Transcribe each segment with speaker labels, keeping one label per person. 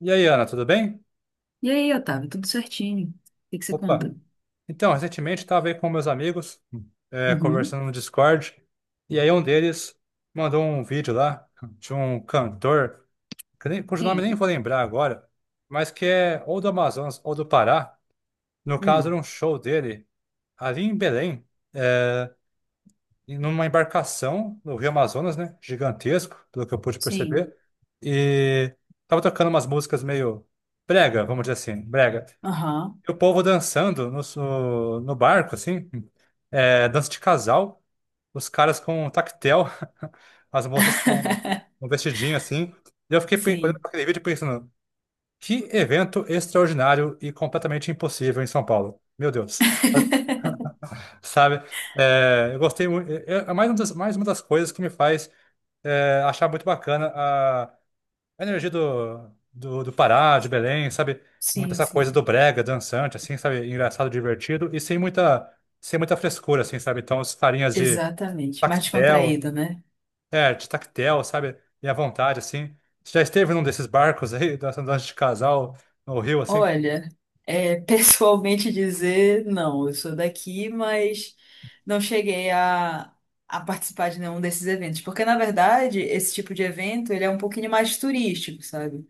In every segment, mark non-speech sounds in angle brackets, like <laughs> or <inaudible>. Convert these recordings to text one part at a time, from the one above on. Speaker 1: E aí, Ana, tudo bem?
Speaker 2: E aí, Otávio, tudo certinho? O que que você
Speaker 1: Opa!
Speaker 2: conta?
Speaker 1: Então, recentemente estava aí com meus amigos,
Speaker 2: Uhum.
Speaker 1: conversando no Discord, e aí um deles mandou um vídeo lá de um cantor, que nem, cujo nome nem
Speaker 2: Sim.
Speaker 1: vou lembrar agora, mas que é ou do Amazonas ou do Pará. No caso, era
Speaker 2: Hum.
Speaker 1: um show dele ali em Belém, é, numa embarcação no Rio Amazonas, né? Gigantesco, pelo que eu pude
Speaker 2: Sim.
Speaker 1: perceber. E tava tocando umas músicas meio brega, vamos dizer assim, brega.
Speaker 2: Aham.
Speaker 1: E o povo dançando no barco, assim, é, dança de casal, os caras com um tactel, as moças com um
Speaker 2: <laughs>
Speaker 1: vestidinho, assim. E eu fiquei olhando
Speaker 2: Sim.
Speaker 1: para aquele vídeo e pensando, que evento extraordinário e completamente impossível em São Paulo. Meu Deus,
Speaker 2: <laughs>
Speaker 1: sabe? É, eu gostei muito, é, é mais mais uma das coisas que me faz é, achar muito bacana a energia do Pará, de Belém, sabe? Muita
Speaker 2: Sim,
Speaker 1: essa coisa do
Speaker 2: sim.
Speaker 1: brega, dançante, assim, sabe? Engraçado, divertido e sem muita frescura, assim, sabe? Então, os carinhas de
Speaker 2: Exatamente. Mais
Speaker 1: tactel,
Speaker 2: descontraído, né?
Speaker 1: de tactel, sabe? E à vontade, assim. Você já esteve num desses barcos aí, <laughs> dançando dança de casal no Rio, assim?
Speaker 2: Olha, <laughs> pessoalmente dizer, não, eu sou daqui, mas não cheguei a participar de nenhum desses eventos. Porque, na verdade, esse tipo de evento, ele é um pouquinho mais turístico, sabe?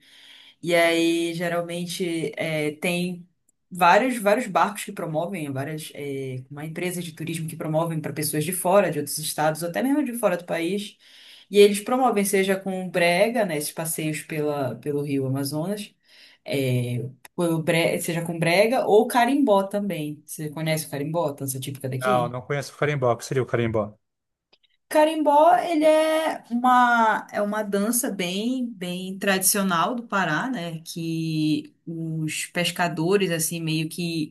Speaker 2: E aí, geralmente, tem vários barcos que promovem, uma empresa de turismo que promovem para pessoas de fora, de outros estados, ou até mesmo de fora do país. E eles promovem, seja com brega, né, esses passeios pelo Rio Amazonas, é, seja com brega ou carimbó também. Você conhece o carimbó, dança típica
Speaker 1: Não,
Speaker 2: daqui?
Speaker 1: não conheço o carimbó. O que seria o carimbó?
Speaker 2: Carimbó, ele é é uma dança bem tradicional do Pará, né? Que os pescadores, assim, meio que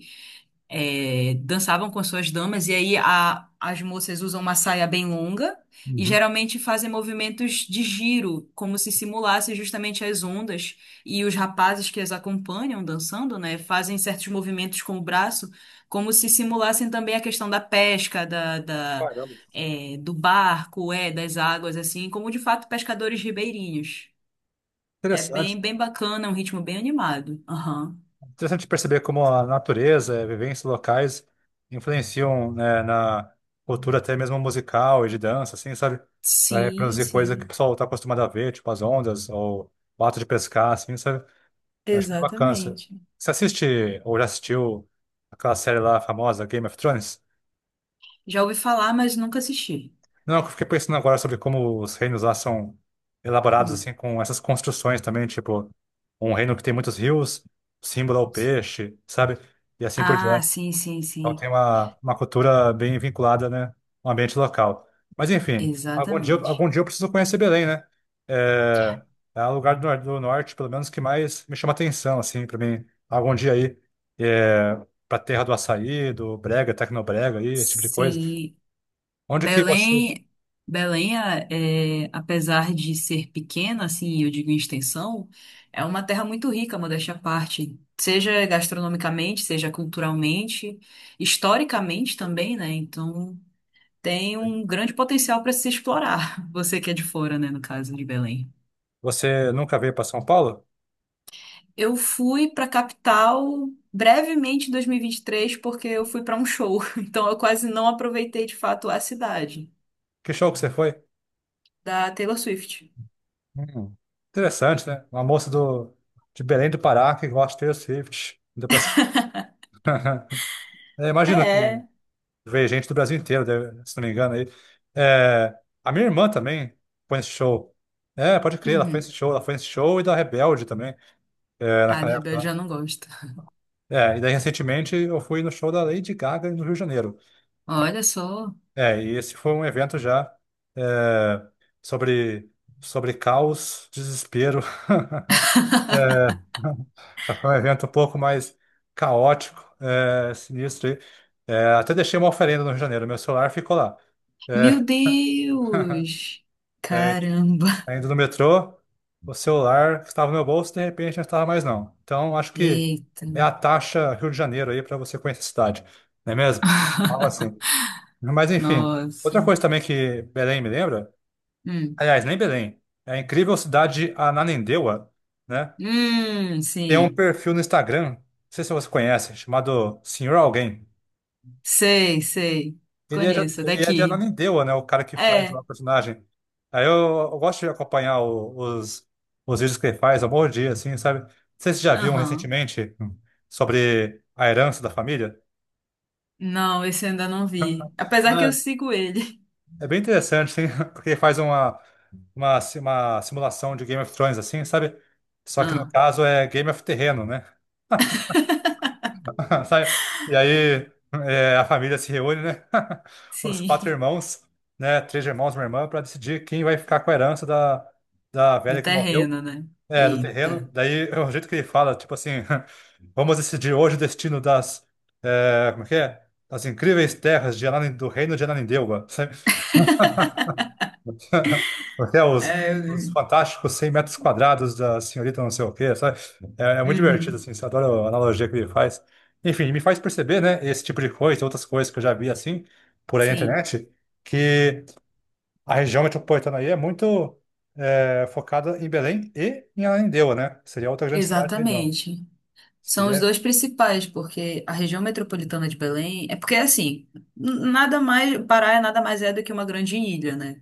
Speaker 2: dançavam com as suas damas, e aí as moças usam uma saia bem longa e
Speaker 1: Uhum.
Speaker 2: geralmente fazem movimentos de giro, como se simulasse justamente as ondas, e os rapazes que as acompanham dançando, né, fazem certos movimentos com o braço, como se simulassem também a questão da pesca,
Speaker 1: Caramba.
Speaker 2: do barco, das águas, assim, como de fato pescadores ribeirinhos. É
Speaker 1: Interessante.
Speaker 2: bem bacana, é um ritmo bem animado. Aham.
Speaker 1: Interessante perceber como a natureza, vivências locais influenciam, né, na cultura até mesmo musical e de dança, assim, sabe? Vai
Speaker 2: Sim,
Speaker 1: produzir coisa que o
Speaker 2: sim.
Speaker 1: pessoal está acostumado a ver, tipo as ondas ou o ato de pescar, assim, sabe? Eu acho bem bacana isso.
Speaker 2: Exatamente.
Speaker 1: Você assiste ou já assistiu aquela série lá famosa, Game of Thrones?
Speaker 2: Já ouvi falar, mas nunca assisti.
Speaker 1: Não, eu fiquei pensando agora sobre como os reinos lá são elaborados,
Speaker 2: Hum.
Speaker 1: assim, com essas construções também, tipo um reino que tem muitos rios, símbolo ao peixe, sabe? E assim por
Speaker 2: Ah,
Speaker 1: diante.
Speaker 2: sim, sim,
Speaker 1: Então tem
Speaker 2: sim.
Speaker 1: uma cultura bem vinculada, né, ao ambiente local. Mas enfim,
Speaker 2: Exatamente.
Speaker 1: algum dia eu preciso conhecer Belém, né? É, é o lugar do, nor- do norte, pelo menos, que mais me chama atenção, assim, para mim. Algum dia aí, é, para terra do açaí, do brega, tecnobrega, aí, esse tipo de coisa.
Speaker 2: Sim.
Speaker 1: Onde que você...
Speaker 2: Belém, Belém, apesar de ser pequena, assim, eu digo em extensão, é uma terra muito rica, modéstia à parte. Seja gastronomicamente, seja culturalmente, historicamente também, né? Então, tem um grande potencial para se explorar. <laughs> Você que é de fora, né? No caso de Belém.
Speaker 1: Você nunca veio para São Paulo?
Speaker 2: Eu fui para capital brevemente em 2023 porque eu fui para um show, <laughs> então eu quase não aproveitei de fato a cidade
Speaker 1: Que show que você foi?
Speaker 2: da Taylor Swift.
Speaker 1: Hum, Interessante, né? Uma moça de Belém do Pará que gosta de Taylor Swift. Ainda pra... cima. <laughs> É, imagina que
Speaker 2: É.
Speaker 1: veio gente do Brasil inteiro, deve- se não me engano. Aí. É, a minha irmã também foi nesse show. É, pode crer, ela foi nesse
Speaker 2: Uhum.
Speaker 1: show. Ela foi nesse show e da Rebelde também, é,
Speaker 2: Ah,
Speaker 1: naquela
Speaker 2: de
Speaker 1: época
Speaker 2: Rebelde
Speaker 1: lá.
Speaker 2: já não gosto.
Speaker 1: É, e daí recentemente eu fui no show da Lady Gaga no Rio de Janeiro.
Speaker 2: Olha só.
Speaker 1: É, e esse foi um evento já é, sobre, sobre caos, desespero. <laughs> É, <laughs> já foi um evento um pouco mais caótico, é, sinistro. Aí. É, até deixei uma oferenda no Rio de Janeiro, meu celular ficou lá.
Speaker 2: Meu
Speaker 1: É, <laughs>
Speaker 2: Deus!
Speaker 1: é,
Speaker 2: Caramba!
Speaker 1: ainda no metrô, o celular que estava no meu bolso, de repente não estava mais não. Então, acho que
Speaker 2: Eita,
Speaker 1: é a taxa Rio de Janeiro aí para você conhecer a cidade, não é mesmo? Algo assim. Mas, enfim,
Speaker 2: nossa.
Speaker 1: outra coisa também que Belém me lembra,
Speaker 2: Hum,
Speaker 1: aliás, nem Belém, é a incrível cidade de Ananindeua, né? Tem um
Speaker 2: sim.
Speaker 1: perfil no Instagram, não sei se você conhece, chamado Senhor Alguém.
Speaker 2: Sei, sei.
Speaker 1: Ele é
Speaker 2: Conheço é
Speaker 1: ele é de
Speaker 2: daqui.
Speaker 1: Ananindeua, né? O cara que faz
Speaker 2: É,
Speaker 1: lá o personagem. Aí eu, eu gosto de acompanhar os vídeos que ele faz, ao bom dia, assim, sabe? Não sei se você já viu um
Speaker 2: aham.
Speaker 1: recentemente sobre a herança da família.
Speaker 2: Não, esse eu ainda não vi. Apesar que eu sigo ele.
Speaker 1: É, é bem interessante, assim, <laughs> porque ele faz uma simulação de Game of Thrones, assim, sabe? Só que no
Speaker 2: Ah,
Speaker 1: caso é Game of Terreno, né? <laughs> Sai- E aí é, a família se reúne, né? <laughs> Os quatro
Speaker 2: sim.
Speaker 1: irmãos, né? Três irmãos e uma irmã, para decidir quem vai ficar com a herança da
Speaker 2: Do
Speaker 1: velha que morreu,
Speaker 2: terreno, né?
Speaker 1: é, do
Speaker 2: Eita.
Speaker 1: terreno. Daí é o jeito que ele fala, tipo assim, <laughs> vamos decidir hoje o destino das, é, como é que é? Das incríveis terras de Ananin- do reino de Ananindeua, sabe? <laughs> Até
Speaker 2: É,
Speaker 1: os
Speaker 2: eu-
Speaker 1: fantásticos 100 m² da senhorita não sei o quê, sabe? É, é muito divertido,
Speaker 2: uhum.
Speaker 1: assim, eu adora a analogia que ele faz. Enfim, me faz perceber, né, esse tipo de coisa, outras coisas que eu já vi, assim, por aí na
Speaker 2: Sim,
Speaker 1: internet, que a região metropolitana aí é muito é, focada em Belém e em Ananindeua, né? Seria outra grande cidade da região.
Speaker 2: exatamente.
Speaker 1: Se
Speaker 2: São os
Speaker 1: der...
Speaker 2: dois principais, porque a região metropolitana de Belém é porque assim, nada mais, Pará é nada mais é do que uma grande ilha, né?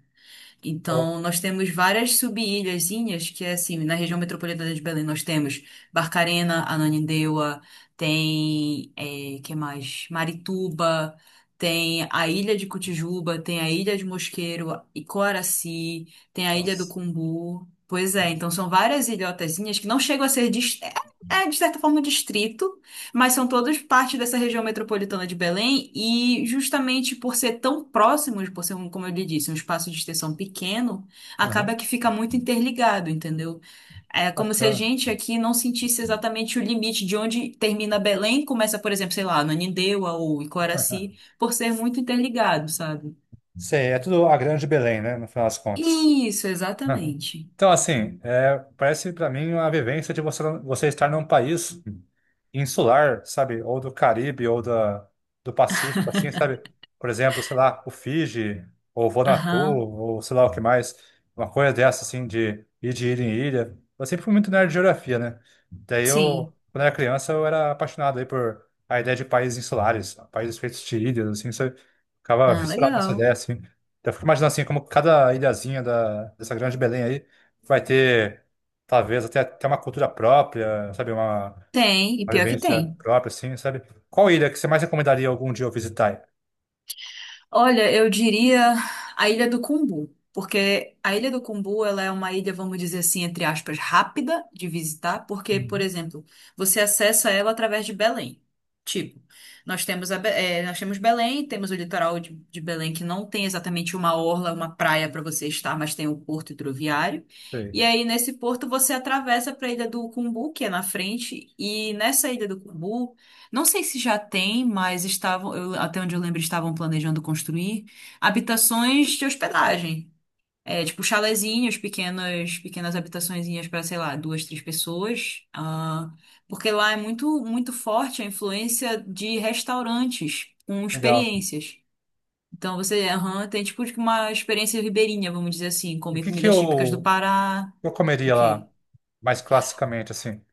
Speaker 2: Então, nós temos várias sub-ilhazinhas, que é assim, na região metropolitana de Belém nós temos Barcarena, Ananindeua, tem, é, que mais? Marituba, tem a Ilha de Cotijuba, tem a Ilha de Mosqueiro, Icoaraci, tem a Ilha do
Speaker 1: Nossa.
Speaker 2: Cumbu. Pois é, então são várias ilhotazinhas que não chegam a ser, de certa forma, um distrito, mas são todos parte dessa região metropolitana de Belém e justamente por ser tão próximos, por ser, um, como eu lhe disse, um espaço de extensão pequeno,
Speaker 1: Aham,
Speaker 2: acaba que fica muito interligado, entendeu? É como se a
Speaker 1: bacana.
Speaker 2: gente aqui não sentisse exatamente o limite de onde termina Belém, começa, por exemplo, sei lá, Nanindeua ou Icoraci,
Speaker 1: <laughs>
Speaker 2: por ser muito interligado, sabe?
Speaker 1: Sim, é tudo a grande Belém, né, no final das contas.
Speaker 2: Isso,
Speaker 1: Aham.
Speaker 2: exatamente.
Speaker 1: Então, assim, é, parece para mim uma vivência de você estar num país insular, sabe? Ou do Caribe, ou do Pacífico, assim, sabe? Por exemplo, sei lá, o Fiji, ou Vanuatu,
Speaker 2: Aham,
Speaker 1: ou sei lá o que mais. Uma coisa dessa, assim, de ir de ilha em ilha. Eu sempre fui muito nerd de geografia, né?
Speaker 2: sim.
Speaker 1: Quando era criança, eu era apaixonado aí por a ideia de países insulares, países feitos de ilhas, assim, sabe? Ficava
Speaker 2: Ah,
Speaker 1: fissurado nessa
Speaker 2: legal.
Speaker 1: ideia, assim. Então, eu fico imaginando assim, como cada ilhazinha dessa grande Belém aí vai ter, talvez, até uma cultura própria, sabe?
Speaker 2: Tem, e
Speaker 1: Uma
Speaker 2: pior que
Speaker 1: vivência
Speaker 2: tem.
Speaker 1: própria, assim, sabe? Qual ilha que você mais recomendaria algum dia eu visitar?
Speaker 2: Olha, eu diria a Ilha do Cumbu, porque a Ilha do Cumbu ela é uma ilha, vamos dizer assim, entre aspas, rápida de visitar, porque, por
Speaker 1: Uhum.
Speaker 2: exemplo, você acessa ela através de Belém. Tipo, nós temos, a, Be- eh, nós temos Belém, temos o litoral de Belém, que não tem exatamente uma orla, uma praia para você estar, mas tem o porto hidroviário.
Speaker 1: Sei.
Speaker 2: E aí, nesse porto, você atravessa para a Ilha do Cumbu, que é na frente, e nessa Ilha do Cumbu. Não sei se já tem, mas estavam, até onde eu lembro, estavam planejando construir habitações de hospedagem. É, tipo chalezinhos, pequenas habitaçõezinhas para, sei lá, duas, três pessoas. Ah, porque lá é muito forte a influência de restaurantes com
Speaker 1: Legal.
Speaker 2: experiências. Então você, aham, tem tipo uma experiência ribeirinha, vamos dizer assim,
Speaker 1: E o
Speaker 2: comer
Speaker 1: que que
Speaker 2: comidas típicas do Pará.
Speaker 1: eu
Speaker 2: O
Speaker 1: comeria
Speaker 2: quê?
Speaker 1: lá, mais classicamente, assim?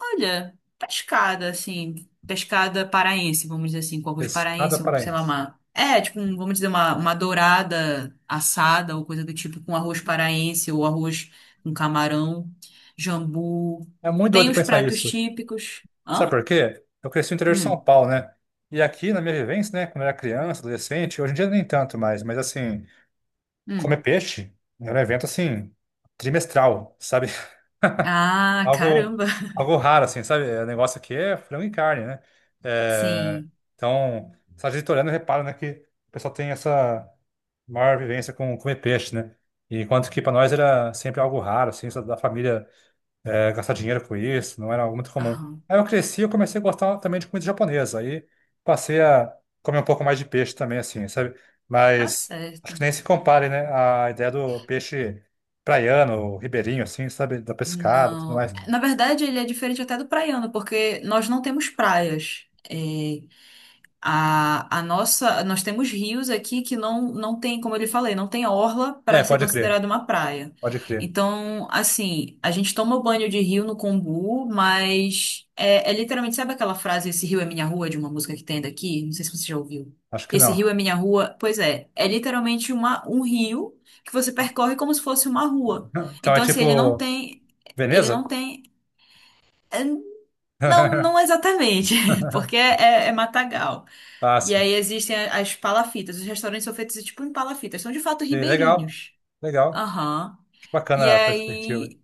Speaker 2: Olha, pescada, assim, pescada paraense, vamos dizer assim, com alguns
Speaker 1: Pescada
Speaker 2: paraense, sei lá,
Speaker 1: paraense.
Speaker 2: uma. É, tipo, vamos dizer, uma dourada assada ou coisa do tipo, com arroz paraense ou arroz com camarão, jambu.
Speaker 1: É muito
Speaker 2: Tem
Speaker 1: doido
Speaker 2: os
Speaker 1: pensar
Speaker 2: pratos
Speaker 1: isso.
Speaker 2: típicos.
Speaker 1: Sabe
Speaker 2: Hã?
Speaker 1: por quê? Eu cresci no interior de São
Speaker 2: Hum,
Speaker 1: Paulo, né? E aqui, na minha vivência, né, quando eu era criança, adolescente, hoje em dia nem tanto mais, mas assim, comer
Speaker 2: hum.
Speaker 1: peixe era um evento assim, trimestral, sabe? <laughs>
Speaker 2: Ah,
Speaker 1: Algo,
Speaker 2: caramba! <laughs>
Speaker 1: algo raro, assim, sabe? É, o negócio aqui é frango e carne, né? É,
Speaker 2: Sim.
Speaker 1: então, só a gente olhando repara, né, que o pessoal tem essa maior vivência com comer peixe, né? E enquanto que para nós era sempre algo raro, assim, só da família é, gastar dinheiro com isso, não era algo muito comum.
Speaker 2: Aham.
Speaker 1: Aí eu cresci eu comecei a gostar também de comida japonesa, aí passei a comer um pouco mais de peixe também, assim, sabe?
Speaker 2: Tá
Speaker 1: Mas
Speaker 2: certo.
Speaker 1: acho que nem se compare, né? A ideia do peixe praiano, ribeirinho, assim, sabe? Da pescada e tudo
Speaker 2: Não.
Speaker 1: mais.
Speaker 2: Na verdade, ele é diferente até do praiano, porque nós não temos praias. A nossa, nós temos rios aqui que não tem, como eu lhe falei, não tem orla
Speaker 1: É,
Speaker 2: para ser
Speaker 1: pode crer,
Speaker 2: considerada uma praia.
Speaker 1: pode crer.
Speaker 2: Então, assim, a gente toma banho de rio no Combu, mas é literalmente, sabe aquela frase, esse rio é minha rua, de uma música que tem daqui? Não sei se você já ouviu.
Speaker 1: Acho que
Speaker 2: Esse rio
Speaker 1: não.
Speaker 2: é minha rua. Pois é, é literalmente um rio que você percorre como se fosse uma rua.
Speaker 1: <laughs> Então é
Speaker 2: Então, assim,
Speaker 1: tipo,
Speaker 2: ele não
Speaker 1: Veneza?
Speaker 2: tem, é, não, não
Speaker 1: <laughs>
Speaker 2: exatamente, <laughs> porque é matagal.
Speaker 1: Ah,
Speaker 2: E
Speaker 1: sim.
Speaker 2: aí existem as palafitas. Os restaurantes são feitos tipo em palafitas. São de fato
Speaker 1: Sim, legal,
Speaker 2: ribeirinhos.
Speaker 1: legal.
Speaker 2: Aham.
Speaker 1: Acho
Speaker 2: E
Speaker 1: bacana a perspectiva.
Speaker 2: aí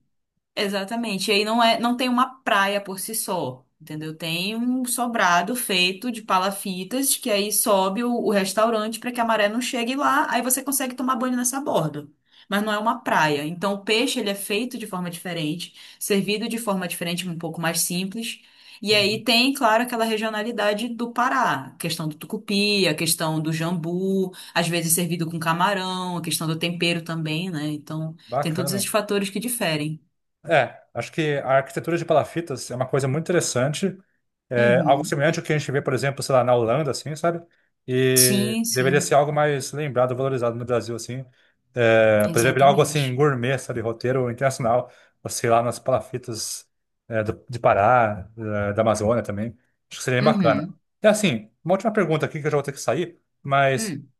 Speaker 2: Exatamente. E aí não é, não tem uma praia por si só, entendeu? Tem um sobrado feito de palafitas que aí sobe o restaurante para que a maré não chegue lá, aí você consegue tomar banho nessa borda. Mas não é uma praia. Então o peixe ele é feito de forma diferente, servido de forma diferente, um pouco mais simples. E
Speaker 1: Uhum.
Speaker 2: aí tem, claro, aquela regionalidade do Pará, a questão do tucupi, a questão do jambu, às vezes servido com camarão, a questão do tempero também, né? Então tem todos esses
Speaker 1: Bacana.
Speaker 2: fatores que diferem.
Speaker 1: É, acho que a arquitetura de palafitas é uma coisa muito interessante, é algo
Speaker 2: Uhum.
Speaker 1: semelhante ao que a gente vê, por exemplo, sei lá, na Holanda, assim, sabe? E
Speaker 2: Sim,
Speaker 1: deveria ser
Speaker 2: sim,
Speaker 1: algo mais lembrado, valorizado no Brasil, assim. É, poderia virar algo assim,
Speaker 2: exatamente.
Speaker 1: gourmet, sabe? Roteiro internacional, ou sei lá, nas palafitas é, de Pará, é, da Amazônia também. Acho que seria bem bacana.
Speaker 2: Uhum.
Speaker 1: E assim, uma última pergunta aqui que eu já vou ter que sair, mas
Speaker 2: Hum.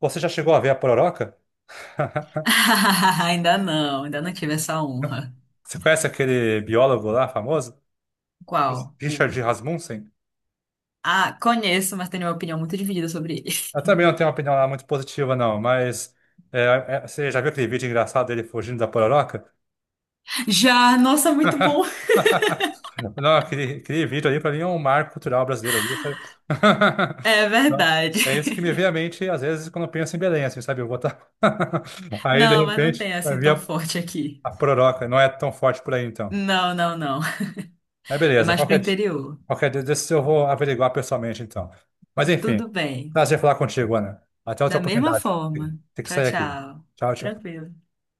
Speaker 1: você já chegou a ver a Pororoca? <laughs>
Speaker 2: <laughs> Ainda não tive essa honra.
Speaker 1: Você conhece aquele biólogo lá famoso?
Speaker 2: Qual? O...
Speaker 1: Richard Rasmussen.
Speaker 2: Ah, conheço, mas tenho uma opinião muito dividida sobre ele.
Speaker 1: Eu também não tenho uma opinião lá muito positiva, não, mas é, é, você já viu aquele vídeo engraçado dele fugindo da pororoca?
Speaker 2: <laughs> Já, nossa, muito bom.
Speaker 1: <laughs> Não, aquele vídeo ali para mim é um marco cultural brasileiro ali, sabe? <laughs>
Speaker 2: É
Speaker 1: Não,
Speaker 2: verdade.
Speaker 1: é isso que me vem à mente às vezes quando eu penso em Belém, assim, sabe? Eu vou tá... <laughs> Aí de
Speaker 2: Não, mas não tem
Speaker 1: repente vai
Speaker 2: assim
Speaker 1: vir
Speaker 2: tão forte aqui.
Speaker 1: a pororoca, não é tão forte por aí então.
Speaker 2: Não, não, não.
Speaker 1: É
Speaker 2: É
Speaker 1: beleza.
Speaker 2: mais pro interior.
Speaker 1: Qualquer dia desses eu vou averiguar pessoalmente, então. Mas enfim,
Speaker 2: Tudo bem.
Speaker 1: prazer falar contigo, Ana. Até outra
Speaker 2: Da mesma
Speaker 1: oportunidade.
Speaker 2: forma.
Speaker 1: Tem que
Speaker 2: Tchau,
Speaker 1: sair aqui.
Speaker 2: tchau.
Speaker 1: Tchau, tchau.
Speaker 2: Tranquilo.